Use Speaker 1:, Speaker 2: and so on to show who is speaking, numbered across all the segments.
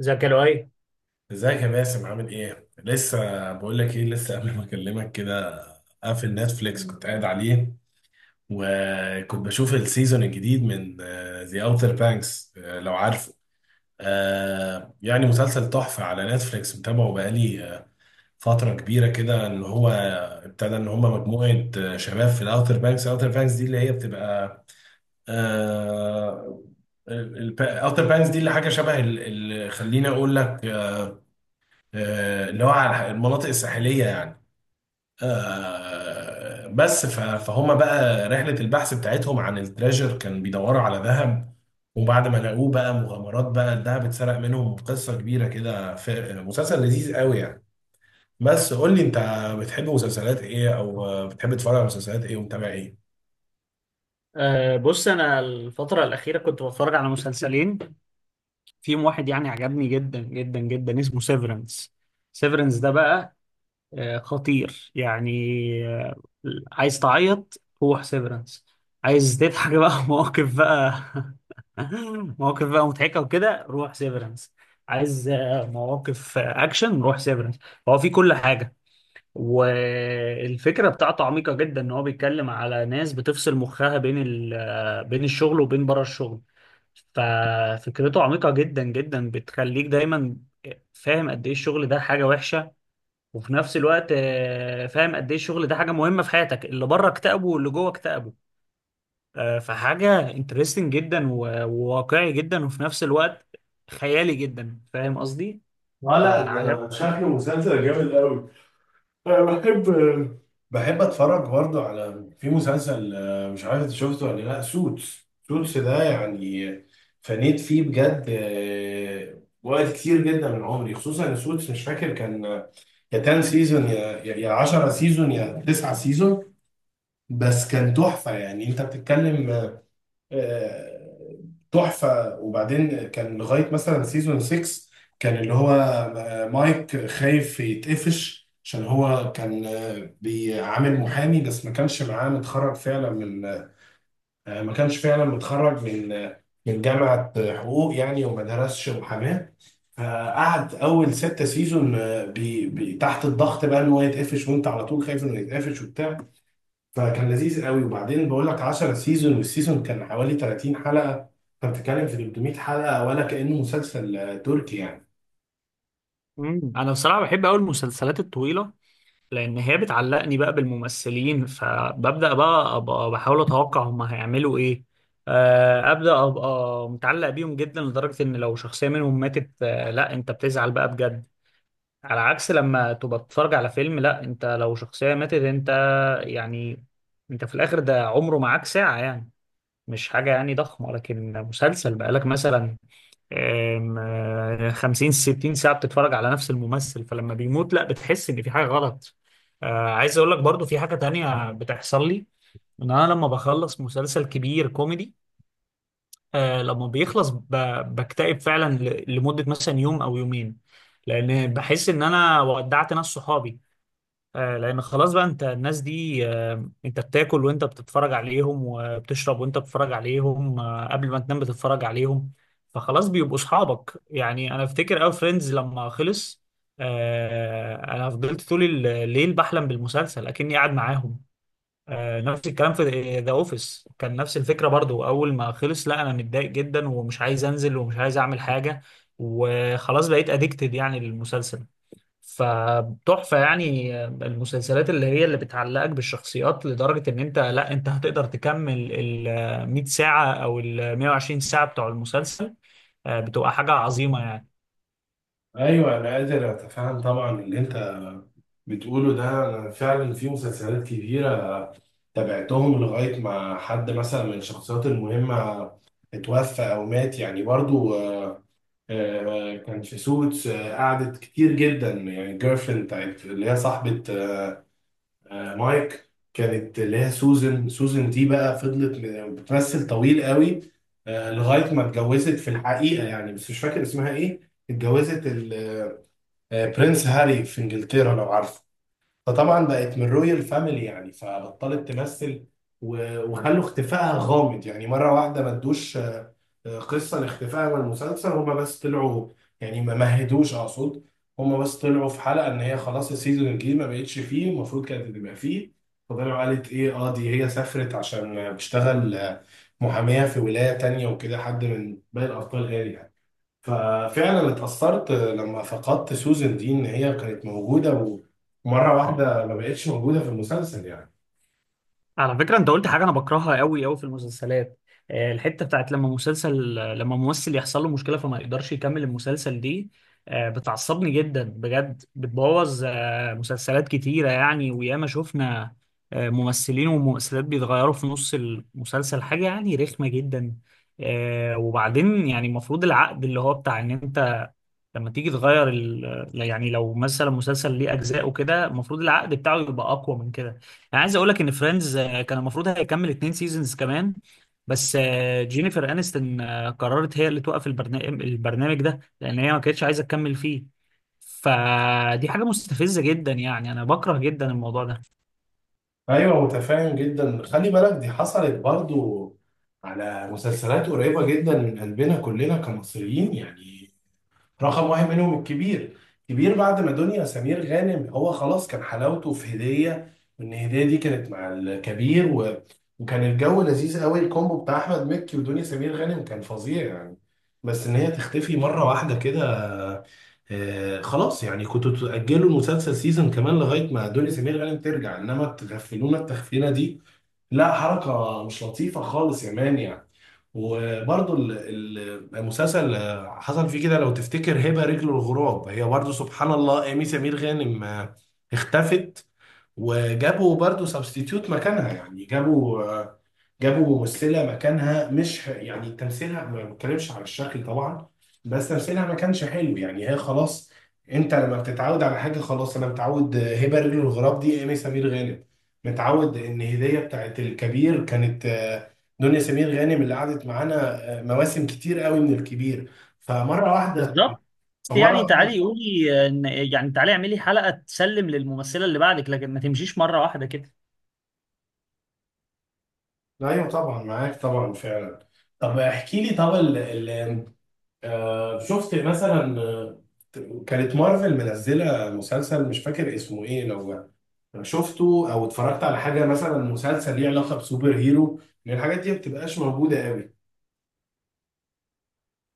Speaker 1: ازيك يا لؤي.
Speaker 2: ازيك يا باسم؟ عامل ايه؟ لسه بقول لك ايه، لسه قبل ما اكلمك كده قافل نتفليكس كنت قاعد عليه، وكنت بشوف السيزون الجديد من ذا اوتر بانكس، لو عارفه. يعني مسلسل تحفة على نتفليكس، متابعه بقالي فترة كبيرة كده. ان هو ابتدى ان هم مجموعة شباب في الاوتر بانكس، الاوتر بانكس دي اللي هي بتبقى، آه، الاوتر بانكس دي اللي حاجه شبه خليني اقول لك، اللي هو على المناطق الساحلية يعني. فهم بقى رحلة البحث بتاعتهم عن التريجر، كان بيدوروا على ذهب، وبعد ما لقوه بقى مغامرات، بقى الذهب اتسرق منهم، قصة كبيرة كده في مسلسل لذيذ قوي يعني. بس قول لي انت، بتحب مسلسلات ايه، او بتحب تتفرج على مسلسلات ايه، ومتابع ايه؟
Speaker 1: بص انا الفتره الاخيره كنت بتفرج على مسلسلين، فيهم واحد، يعني، عجبني جدا جدا جدا، اسمه سيفرنس. سيفرنس ده بقى خطير يعني. أه. عايز تعيط؟ روح سيفرنس. عايز تضحك بقى؟ مواقف بقى مضحكه وكده، روح سيفرنس. عايز مواقف، اكشن؟ روح سيفرنس. هو في كل حاجه. والفكرة بتاعته عميقة جدا، ان هو بيتكلم على ناس بتفصل مخها بين ال آه، بين الشغل وبين بره الشغل. ففكرته عميقة جدا جدا، بتخليك دايما فاهم قد ايه الشغل ده حاجة وحشة، وفي نفس الوقت فاهم قد ايه الشغل ده حاجة مهمة في حياتك. اللي بره اكتئبه واللي جوه اكتئبه. فحاجة انترستنج جدا، و- وواقعي جدا، وفي نفس الوقت خيالي جدا. فاهم قصدي؟
Speaker 2: لا لا،
Speaker 1: فعجب.
Speaker 2: ده شكله مسلسل جامد قوي. أنا بحب، بحب اتفرج برضه على، في مسلسل، مش عارف انت شفته ولا لا، سوتس، سوتس ده يعني فنيت فيه بجد وقت كتير جدا من عمري. خصوصا ان سوتس مش فاكر كان يا 10 سيزون يا 10 سيزون يا 9 سيزون. بس كان تحفة يعني، انت بتتكلم آه، تحفة. وبعدين كان لغاية مثلا سيزون 6 كان اللي هو مايك خايف يتقفش، عشان هو كان بيعامل محامي بس ما كانش معاه، متخرج فعلا من، ما كانش فعلا متخرج من من جامعة حقوق يعني، وما درسش محاماة. فقعد أول ستة سيزون آه، بي بي تحت الضغط بقى إن هو يتقفش، وأنت على طول خايف إنه يتقفش وبتاع. فكان لذيذ قوي. وبعدين بقول لك 10 سيزون، والسيزون كان حوالي 30 حلقة، فبتتكلم في 300 حلقة، ولا كأنه مسلسل تركي يعني.
Speaker 1: مم. انا بصراحة بحب قوي المسلسلات الطويلة، لان هي بتعلقني بقى بالممثلين، فببدا بقى ابقى بحاول اتوقع هم هيعملوا ايه. ابدا ابقى متعلق بيهم جدا، لدرجه ان لو شخصيه منهم ماتت، لا، انت بتزعل بقى بجد. على عكس لما تبقى بتتفرج على فيلم، لا، انت لو شخصيه ماتت، انت، يعني، انت في الاخر ده عمره معاك ساعه يعني، مش حاجه يعني ضخمه. لكن مسلسل بقالك مثلا 50 60 ساعة بتتفرج على نفس الممثل، فلما بيموت لا، بتحس ان في حاجة غلط. عايز اقول لك برضو في حاجة تانية بتحصل لي. ان انا لما بخلص مسلسل كبير كوميدي، لما بيخلص بكتئب فعلا لمدة مثلا يوم او يومين، لان بحس ان انا ودعت ناس صحابي. لان خلاص بقى، انت الناس دي، انت بتاكل وانت بتتفرج عليهم، وبتشرب وانت بتتفرج عليهم، قبل ما تنام بتتفرج عليهم، فخلاص بيبقوا اصحابك يعني. انا افتكر اوي فريندز لما خلص، انا فضلت طول الليل بحلم بالمسلسل اكني قاعد معاهم. نفس الكلام في ذا اوفيس، كان نفس الفكرة برضو، اول ما خلص، لا، انا متضايق جدا، ومش عايز انزل، ومش عايز اعمل حاجة، وخلاص بقيت اديكتد يعني للمسلسل. فتحفة يعني المسلسلات اللي هي اللي بتعلقك بالشخصيات لدرجة ان انت، لا، انت هتقدر تكمل ال 100 ساعة او ال 120 ساعة بتوع المسلسل، بتبقى حاجة عظيمة يعني.
Speaker 2: ايوه انا قادر اتفهم طبعا اللي انت بتقوله ده. أنا فعلا في مسلسلات كبيرة تابعتهم لغاية ما حد مثلا من الشخصيات المهمة اتوفى أو مات يعني، برضو كان في سوتس، قعدت كتير جدا يعني الجيرل فريند بتاعت اللي هي صاحبة مايك، كانت اللي هي سوزن، سوزن دي بقى فضلت بتمثل طويل قوي لغاية ما اتجوزت في الحقيقة يعني، بس مش فاكر اسمها ايه. اتجوزت برنس هاري في انجلترا لو عارف، فطبعا بقت من رويال فاميلي يعني، فبطلت تمثل. وخلوا اختفائها غامض يعني، مرة واحدة ما ادوش قصة لاختفائها من المسلسل. هما بس طلعوا يعني، ما مهدوش اقصد. هما بس طلعوا في حلقة ان هي خلاص السيزون الجديد ما بقتش فيه، المفروض كانت تبقى فيه. فطلعوا قالت ايه، اه دي هي سافرت عشان بتشتغل محامية في ولاية تانية وكده، حد من باقي الابطال قال يعني. ففعلا اتأثرت لما فقدت سوزن دي، ان هي كانت موجودة ومرة واحدة ما بقتش موجودة في المسلسل يعني.
Speaker 1: على فكرة انت قلت حاجة انا بكرهها قوي قوي في المسلسلات. الحتة بتاعت لما مسلسل، لما ممثل يحصل له مشكلة فما يقدرش يكمل المسلسل دي، بتعصبني جدا بجد، بتبوظ مسلسلات كتيرة يعني. وياما شفنا ممثلين وممثلات بيتغيروا في نص المسلسل، حاجة يعني رخمة جدا. وبعدين، يعني، المفروض العقد اللي هو بتاع ان انت لما تيجي تغير يعني لو مثلا مسلسل ليه اجزاء وكده، المفروض العقد بتاعه يبقى اقوى من كده. انا عايز اقول لك ان فريندز كان المفروض هيكمل اتنين سيزونز كمان. بس جينيفر انستون قررت هي اللي توقف البرنامج ده، لان هي ما كانتش عايزه تكمل فيه. فدي حاجه مستفزه جدا يعني، انا بكره جدا الموضوع ده.
Speaker 2: ايوه، متفاهم جدا. خلي بالك دي حصلت برضو على مسلسلات قريبة جدا من قلبنا كلنا كمصريين يعني، رقم واحد منهم الكبير. كبير بعد ما دنيا سمير غانم، هو خلاص كان حلاوته في هدية، وان هدية دي كانت مع الكبير، و... وكان الجو لذيذ قوي، الكومبو بتاع احمد مكي ودنيا سمير غانم كان فظيع يعني. بس ان هي تختفي مرة واحدة كده، آه خلاص يعني كنتوا تأجلوا المسلسل سيزون كمان لغاية ما دنيا سمير غانم ترجع، انما تغفلونا التغفيلة دي لا، حركة مش لطيفة خالص يا مان يعني. وبرضو المسلسل حصل فيه كده لو تفتكر، هبة رجل الغراب، هي برضو سبحان الله أمي سمير غانم اختفت، وجابوا برضو سبستيتيوت مكانها يعني، جابوا جابوا ممثله مكانها، مش يعني تمثيلها، ما بتكلمش على الشكل طبعا، بس تمثيلها ما كانش حلو يعني. هي خلاص، انت لما بتتعود على حاجه خلاص، انا متعود هبه رجل الغراب دي ايمي سمير غانم، متعود ان هديه بتاعت الكبير كانت دنيا سمير غانم اللي قعدت معانا مواسم كتير قوي من الكبير. فمره واحده
Speaker 1: بالظبط. بس،
Speaker 2: فمره
Speaker 1: يعني،
Speaker 2: واحده
Speaker 1: تعالي قولي يعني تعالي اعملي حلقة تسلم للممثلة اللي بعدك، لكن ما تمشيش مرة واحدة كده.
Speaker 2: ايوه طبعا معاك طبعا فعلا. طب احكي لي، طب شفت مثلا كانت مارفل منزلة مسلسل مش فاكر اسمه ايه، لو شفته او اتفرجت على حاجة مثلا مسلسل ليه علاقة بسوبر هيرو؟ لان الحاجات دي ما بتبقاش موجودة قوي.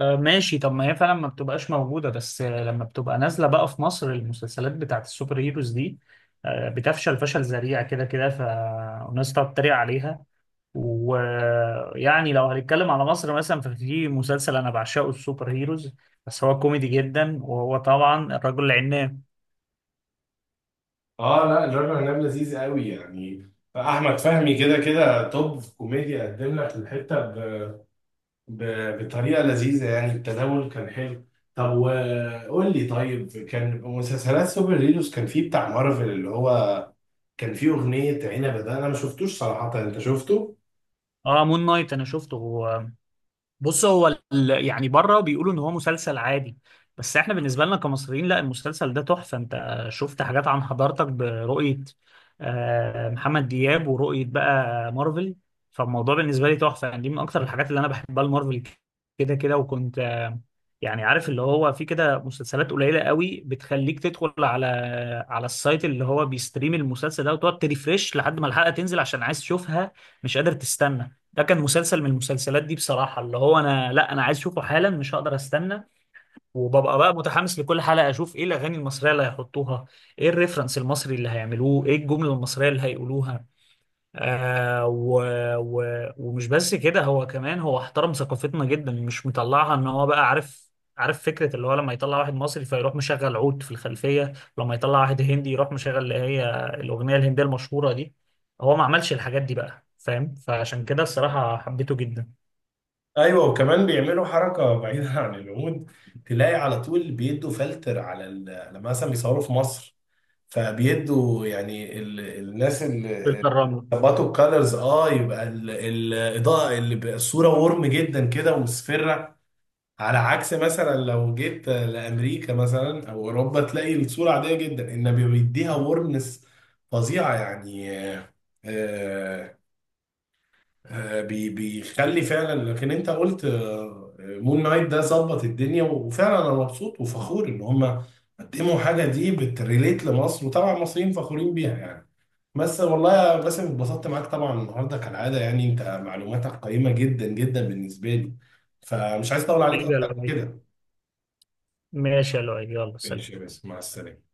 Speaker 1: ماشي. طب ما هي فعلا ما بتبقاش موجودة. بس لما بتبقى نازلة بقى في مصر المسلسلات بتاعت السوبر هيروز دي، بتفشل فشل ذريع كده كده، فالناس تقعد تتريق عليها. ويعني لو هنتكلم على مصر مثلا، ففي مسلسل أنا بعشقه، السوبر هيروز، بس هو كوميدي جدا، وهو طبعا الرجل العناب.
Speaker 2: اه لا، الراجل عناب لذيذ قوي يعني، احمد فهمي كده كده توب في كوميديا، قدم لك الحتة ب... بطريقة لذيذة يعني، التناول كان حلو. طب وقول لي، طيب كان مسلسلات سوبر هيروز كان فيه بتاع مارفل اللي هو كان في اغنيه عنبه ده، انا ما شفتوش صراحه، انت شفته؟
Speaker 1: اه، مون نايت أنا شفته. بص، هو يعني بره بيقولوا ان هو مسلسل عادي، بس احنا بالنسبه لنا كمصريين، لا، المسلسل ده تحفه. انت شفت حاجات عن حضارتك برؤيه محمد دياب، ورؤيه بقى مارفل. فالموضوع بالنسبه لي تحفه يعني، دي من اكتر الحاجات اللي انا بحبها، المارفل كده كده. وكنت يعني عارف، اللي هو في كده مسلسلات قليله قوي بتخليك تدخل على السايت اللي هو بيستريم المسلسل ده، وتقعد تريفريش لحد ما الحلقه تنزل عشان عايز تشوفها، مش قادر تستنى. ده كان مسلسل من المسلسلات دي بصراحة، اللي هو أنا عايز أشوفه حالا، مش هقدر أستنى. وببقى بقى متحمس لكل حلقة، أشوف إيه الأغاني المصرية اللي هيحطوها، إيه الريفرنس المصري اللي هيعملوه، إيه الجملة المصرية اللي هيقولوها. آه و و ومش بس كده، هو كمان هو احترم ثقافتنا جدا، مش مطلعها ان هو بقى عارف فكرة اللي هو لما يطلع واحد مصري فيروح مشغل عود في الخلفية، لما يطلع واحد هندي يروح مشغل اللي هي الأغنية الهندية المشهورة دي. هو ما عملش الحاجات دي، بقى، فاهم؟ فعشان كده الصراحة حبيته جدا.
Speaker 2: ايوه وكمان بيعملوا حركه بعيده عن العمود، تلاقي على طول بيدوا فلتر على لما مثلا بيصوروا في مصر، فبيدوا يعني الناس اللي
Speaker 1: فلتر الرمل.
Speaker 2: ظبطوا الكالرز، اه يبقى الاضاءه اللي بقى الصوره ورم جدا كده ومصفره، على عكس مثلا لو جيت لامريكا مثلا او اوروبا تلاقي الصوره عاديه جدا، انما بيديها ورمنس فظيعه يعني. آه، بيخلي فعلا. لكن انت قلت مون نايت ده ظبط الدنيا، وفعلا انا مبسوط وفخور ان هم قدموا حاجه دي بتريليت لمصر، وطبعا المصريين فخورين بيها يعني. بس والله يا باسم اتبسطت معاك طبعا النهارده كالعاده، يعني انت معلوماتك قيمه جدا جدا بالنسبه لي، فمش عايز اطول عليك
Speaker 1: ايه يا
Speaker 2: اكتر من
Speaker 1: لؤي؟
Speaker 2: كده.
Speaker 1: ماشي يا لؤي، يلا سلام.
Speaker 2: ماشي يا باسم، مع السلامه.